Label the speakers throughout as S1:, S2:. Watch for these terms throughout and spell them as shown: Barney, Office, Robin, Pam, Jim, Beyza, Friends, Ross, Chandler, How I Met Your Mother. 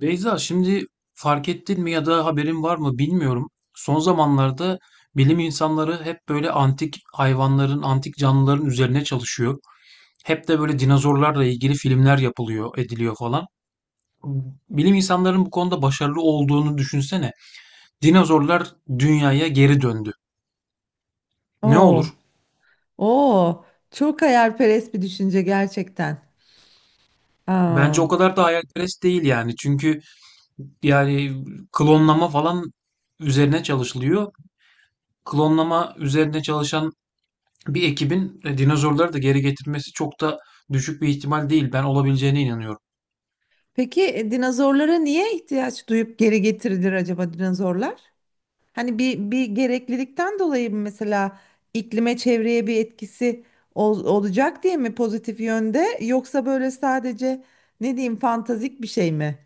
S1: Beyza, şimdi fark ettin mi ya da haberin var mı bilmiyorum. Son zamanlarda bilim insanları hep böyle antik hayvanların, antik canlıların üzerine çalışıyor. Hep de böyle dinozorlarla ilgili filmler yapılıyor, ediliyor falan. Bilim insanların bu konuda başarılı olduğunu düşünsene. Dinozorlar dünyaya geri döndü. Ne
S2: Oo,
S1: olur?
S2: oo, çok hayalperest bir düşünce gerçekten.
S1: Bence
S2: Aa,
S1: o kadar da hayalperest değil yani. Çünkü yani klonlama falan üzerine çalışılıyor. Klonlama üzerine çalışan bir ekibin dinozorları da geri getirmesi çok da düşük bir ihtimal değil. Ben olabileceğine inanıyorum.
S2: peki dinozorlara niye ihtiyaç duyup geri getirilir acaba dinozorlar? Hani bir gereklilikten dolayı mı mesela iklime, çevreye bir etkisi olacak diye mi pozitif yönde, yoksa böyle sadece ne diyeyim fantastik bir şey mi?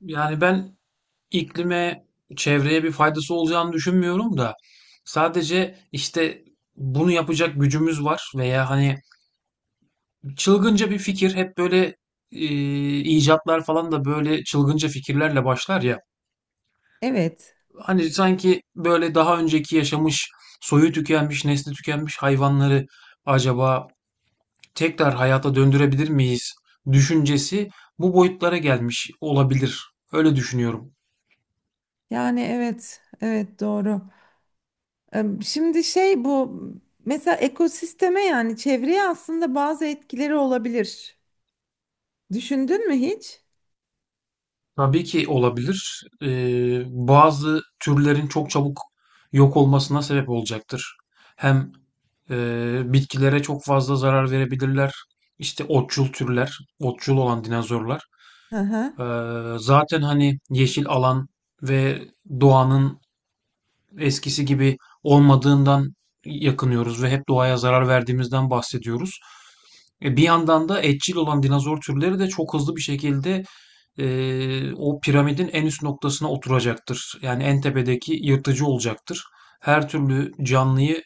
S1: Yani ben iklime, çevreye bir faydası olacağını düşünmüyorum da sadece işte bunu yapacak gücümüz var veya hani çılgınca bir fikir hep böyle e, icatlar falan da böyle çılgınca fikirlerle başlar ya.
S2: Evet.
S1: Hani sanki böyle daha önceki yaşamış, soyu tükenmiş, nesli tükenmiş hayvanları acaba tekrar hayata döndürebilir miyiz düşüncesi bu boyutlara gelmiş olabilir. Öyle düşünüyorum.
S2: Yani evet. Evet doğru. Şimdi şey, bu mesela ekosisteme, yani çevreye aslında bazı etkileri olabilir. Düşündün mü hiç?
S1: Tabii ki olabilir. Bazı türlerin çok çabuk yok olmasına sebep olacaktır. Hem bitkilere çok fazla zarar verebilirler. İşte otçul türler, otçul olan dinozorlar.
S2: Hı hı.
S1: Ee, Zaten hani yeşil alan ve doğanın eskisi gibi olmadığından yakınıyoruz ve hep doğaya zarar verdiğimizden bahsediyoruz. Bir yandan da etçil olan dinozor türleri de çok hızlı bir şekilde o piramidin en üst noktasına oturacaktır. Yani en tepedeki yırtıcı olacaktır. Her türlü canlıyı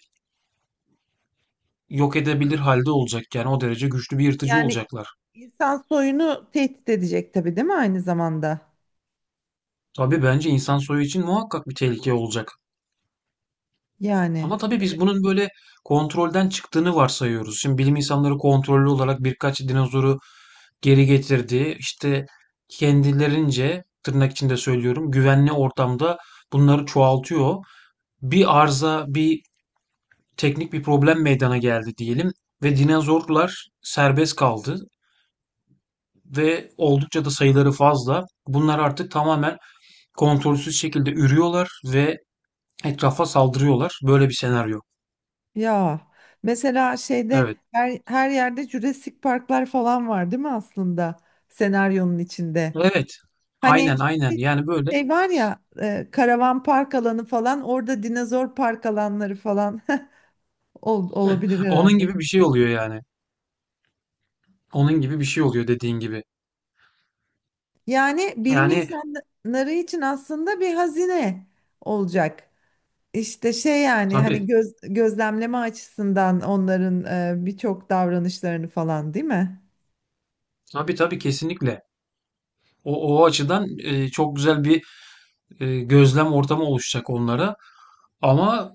S1: yok edebilir halde olacak. Yani o derece güçlü bir yırtıcı
S2: Yani
S1: olacaklar.
S2: insan soyunu tehdit edecek tabii, değil mi aynı zamanda?
S1: Tabii bence insan soyu için muhakkak bir tehlike olacak.
S2: Yani
S1: Ama tabii biz bunun böyle kontrolden çıktığını varsayıyoruz. Şimdi bilim insanları kontrollü olarak birkaç dinozoru geri getirdi. İşte kendilerince tırnak içinde söylüyorum güvenli ortamda bunları çoğaltıyor. Bir arıza, bir teknik bir problem meydana geldi diyelim ve dinozorlar serbest kaldı ve oldukça da sayıları fazla. Bunlar artık tamamen kontrolsüz şekilde ürüyorlar ve etrafa saldırıyorlar. Böyle bir senaryo.
S2: ya, mesela şeyde
S1: Evet.
S2: her yerde Jurassic Parklar falan var değil mi aslında senaryonun içinde?
S1: Evet.
S2: Hani
S1: Aynen, aynen. Yani böyle
S2: şey var ya, karavan park alanı falan, orada dinozor park alanları falan olabilir
S1: onun
S2: herhalde.
S1: gibi bir şey oluyor yani. Onun gibi bir şey oluyor dediğin gibi.
S2: Yani bilim
S1: Yani
S2: insanları için aslında bir hazine olacak. İşte şey, yani hani
S1: tabii,
S2: gözlemleme açısından onların birçok davranışlarını falan, değil mi?
S1: tabii kesinlikle. O açıdan çok güzel bir gözlem ortamı oluşacak onlara. Ama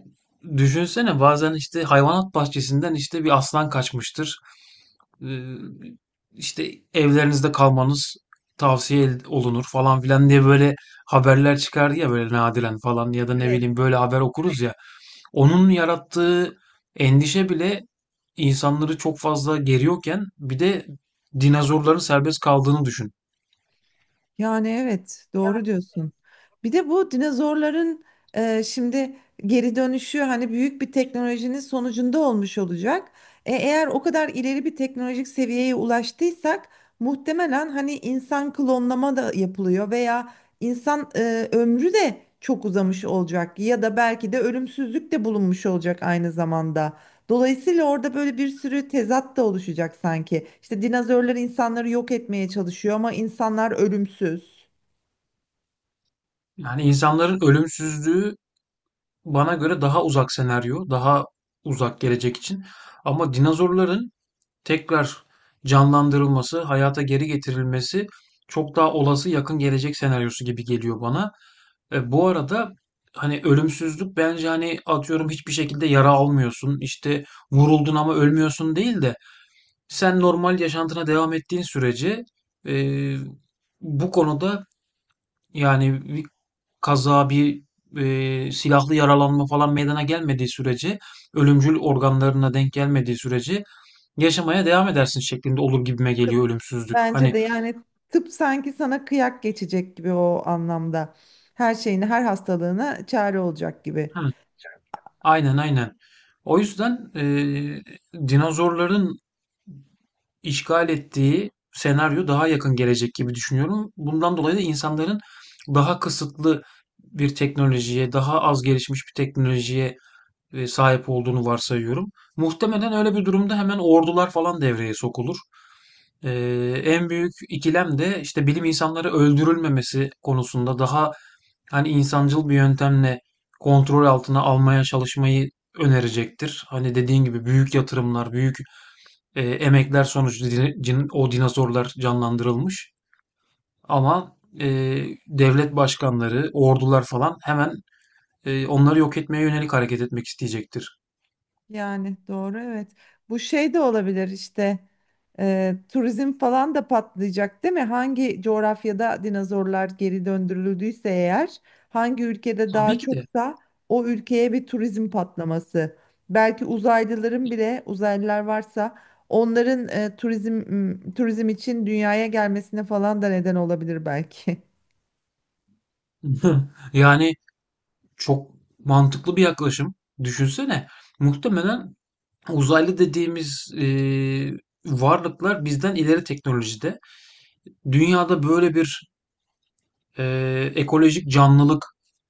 S1: düşünsene bazen işte hayvanat bahçesinden işte bir aslan kaçmıştır. Ee, işte evlerinizde kalmanız tavsiye olunur falan filan diye böyle haberler çıkardı ya böyle nadiren falan ya da ne
S2: Evet.
S1: bileyim böyle haber okuruz ya. Onun yarattığı endişe bile insanları çok fazla geriyorken bir de dinozorların serbest kaldığını düşün.
S2: Yani evet doğru diyorsun. Bir de bu dinozorların şimdi geri dönüşü hani büyük bir teknolojinin sonucunda olmuş olacak. E, eğer o kadar ileri bir teknolojik seviyeye ulaştıysak muhtemelen hani insan klonlama da yapılıyor veya insan ömrü de çok uzamış olacak, ya da belki de ölümsüzlük de bulunmuş olacak aynı zamanda. Dolayısıyla orada böyle bir sürü tezat da oluşacak sanki. İşte dinozorlar insanları yok etmeye çalışıyor ama insanlar ölümsüz.
S1: Yani insanların ölümsüzlüğü bana göre daha uzak senaryo, daha uzak gelecek için. Ama dinozorların tekrar canlandırılması, hayata geri getirilmesi çok daha olası yakın gelecek senaryosu gibi geliyor bana. Bu arada hani ölümsüzlük bence hani atıyorum hiçbir şekilde yara almıyorsun, işte vuruldun ama ölmüyorsun değil de sen normal yaşantına devam ettiğin sürece e, bu konuda yani bir kaza, bir silahlı yaralanma falan meydana gelmediği sürece, ölümcül organlarına denk gelmediği sürece yaşamaya devam edersin şeklinde olur gibime geliyor
S2: Tıp-
S1: ölümsüzlük.
S2: Bence
S1: Hani
S2: de yani tıp sanki sana kıyak geçecek gibi o anlamda. Her şeyini, her hastalığına çare olacak gibi.
S1: hı, aynen, aynen. O yüzden dinozorların işgal ettiği senaryo daha yakın gelecek gibi düşünüyorum. Bundan dolayı da insanların daha kısıtlı bir teknolojiye, daha az gelişmiş bir teknolojiye sahip olduğunu varsayıyorum. Muhtemelen öyle bir durumda hemen ordular falan devreye sokulur. E, En büyük ikilem de işte bilim insanları öldürülmemesi konusunda daha hani insancıl bir yöntemle kontrol altına almaya çalışmayı önerecektir. Hani dediğin gibi büyük yatırımlar, büyük emekler sonucu o dinozorlar canlandırılmış. Ama devlet başkanları, ordular falan hemen onları yok etmeye yönelik hareket etmek isteyecektir.
S2: Yani doğru, evet. Bu şey de olabilir işte, turizm falan da patlayacak değil mi? Hangi coğrafyada dinozorlar geri döndürüldüyse, eğer hangi ülkede
S1: Tabii
S2: daha
S1: ki de.
S2: çoksa o ülkeye bir turizm patlaması. Belki uzaylıların bile, uzaylılar varsa onların turizm, turizm için dünyaya gelmesine falan da neden olabilir belki.
S1: Yani çok mantıklı bir yaklaşım. Düşünsene, muhtemelen uzaylı dediğimiz varlıklar bizden ileri teknolojide. Dünyada böyle bir ekolojik canlılık,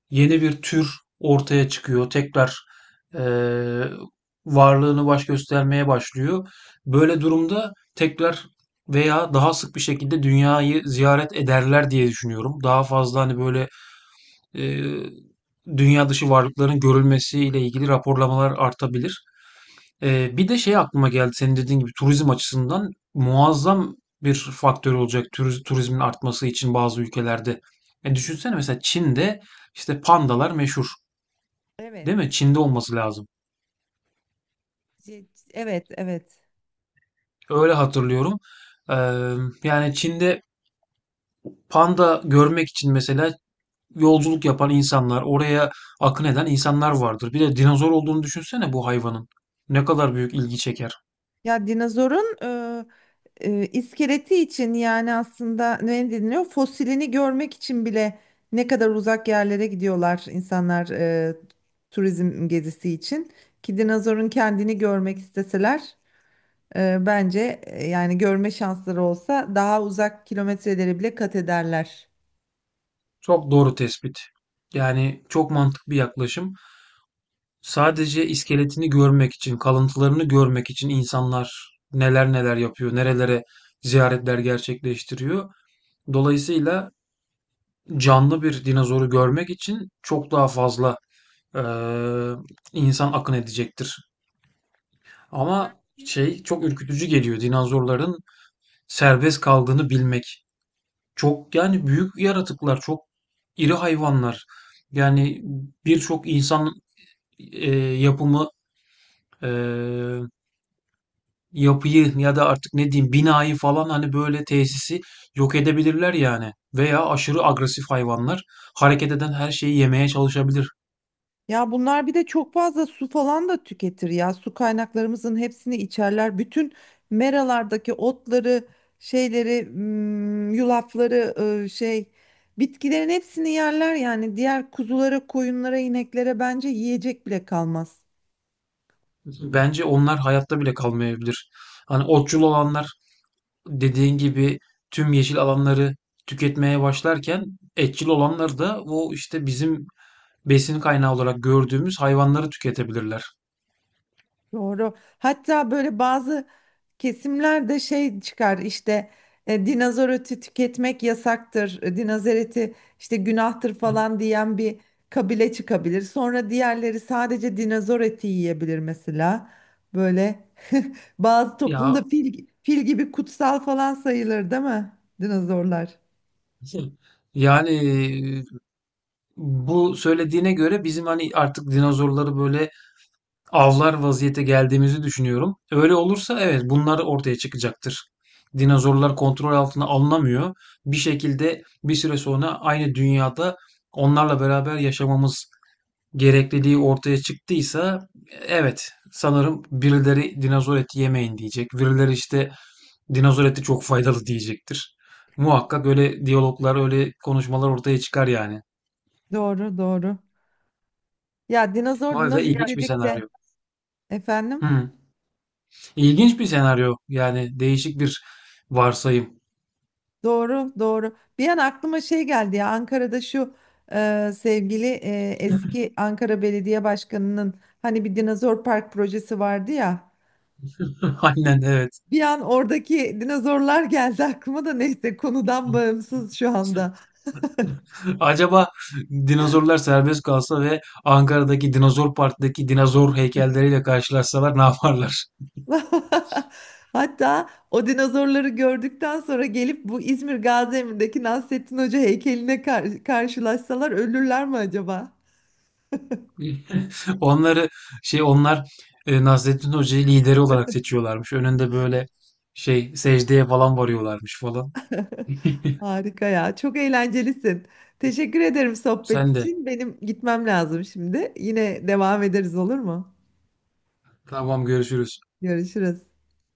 S1: yeni bir tür ortaya çıkıyor. Tekrar eee, varlığını baş göstermeye başlıyor. Böyle durumda tekrar veya daha sık bir şekilde dünyayı ziyaret ederler diye düşünüyorum. Daha fazla hani böyle eee, dünya dışı varlıkların görülmesiyle ilgili raporlamalar artabilir. Bir de şey aklıma geldi senin dediğin gibi turizm açısından muazzam bir faktör olacak turizmin artması için bazı ülkelerde. Düşünsene mesela Çin'de işte pandalar meşhur, değil
S2: Evet.
S1: mi? Çin'de olması lazım.
S2: Ce- Evet, evet.
S1: Öyle hatırlıyorum. Ee, Yani Çin'de panda görmek için mesela yolculuk yapan insanlar, oraya akın eden insanlar vardır. Bir de dinozor olduğunu düşünsene bu hayvanın. Ne kadar büyük ilgi çeker.
S2: Ya dinozorun iskeleti için, yani aslında ne deniliyor? Fosilini görmek için bile ne kadar uzak yerlere gidiyorlar insanlar, turizm gezisi için. Ki dinozorun kendini görmek isteseler, yani görme şansları olsa daha uzak kilometreleri bile kat ederler.
S1: Çok doğru tespit. Yani çok mantıklı bir yaklaşım. Sadece iskeletini görmek için, kalıntılarını görmek için insanlar neler neler yapıyor, nerelere ziyaretler gerçekleştiriyor. Dolayısıyla canlı bir dinozoru görmek için çok daha fazla eee, insan akın edecektir. Ama
S2: Belki.
S1: şey çok ürkütücü geliyor dinozorların serbest kaldığını bilmek. Çok yani büyük yaratıklar, çok iri hayvanlar. Yani birçok insan yapımı eee yapıyı ya da artık ne diyeyim binayı falan hani böyle tesisi yok edebilirler yani. Veya aşırı agresif hayvanlar hareket eden her şeyi yemeye çalışabilir.
S2: Ya bunlar bir de çok fazla su falan da tüketir ya. Su kaynaklarımızın hepsini içerler. Bütün meralardaki otları, şeyleri, yulafları, e, şey, bitkilerin hepsini yerler yani. Diğer kuzulara, koyunlara, ineklere bence yiyecek bile kalmaz.
S1: Bence onlar hayatta bile kalmayabilir. Hani otçul olanlar dediğin gibi tüm yeşil alanları tüketmeye başlarken etçil olanlar da o işte bizim besin kaynağı olarak gördüğümüz hayvanları tüketebilirler.
S2: Doğru. Hatta böyle bazı kesimlerde şey çıkar işte, dinozor eti tüketmek yasaktır, dinozor eti işte günahtır falan diyen bir kabile çıkabilir. Sonra diğerleri sadece dinozor eti yiyebilir mesela. Böyle bazı toplumda
S1: Ya
S2: fil gibi kutsal falan sayılır değil mi dinozorlar?
S1: yani bu söylediğine göre bizim hani artık dinozorları böyle avlar vaziyete geldiğimizi düşünüyorum. Öyle olursa evet bunlar ortaya çıkacaktır. Dinozorlar kontrol altına alınamıyor. Bir şekilde bir süre sonra aynı dünyada onlarla beraber yaşamamız gerekliliği ortaya çıktıysa evet sanırım birileri dinozor eti yemeyin diyecek. Birileri işte dinozor eti çok faydalı diyecektir. Muhakkak öyle diyaloglar, öyle konuşmalar ortaya çıkar yani.
S2: Doğru doğru. Ya, dinozor
S1: Vay be. Ya
S2: dinozor
S1: ilginç bir
S2: dedik de
S1: senaryo.
S2: efendim.
S1: Hı. İlginç bir senaryo. Yani değişik bir varsayım.
S2: Doğru, doğru. Bir an aklıma şey geldi ya, Ankara'da şu sevgili eski Ankara Belediye Başkanı'nın hani bir dinozor park projesi vardı ya.
S1: Aynen evet.
S2: Bir an oradaki dinozorlar geldi aklıma da, neyse, konudan bağımsız şu anda.
S1: Acaba dinozorlar serbest kalsa ve Ankara'daki Dinozor Park'taki dinozor heykelleriyle karşılaşsalar ne yaparlar?
S2: Hatta o dinozorları gördükten sonra gelip bu İzmir Gaziemir'deki Nasrettin Hoca heykeline karşılaşsalar ölürler mi acaba?
S1: Onları şey onlar Nasrettin Hoca'yı lideri olarak seçiyorlarmış. Önünde böyle şey secdeye falan varıyorlarmış falan.
S2: Harika ya. Çok eğlencelisin. Teşekkür ederim sohbet
S1: Sen de.
S2: için. Benim gitmem lazım şimdi. Yine devam ederiz, olur mu?
S1: Tamam görüşürüz.
S2: Görüşürüz.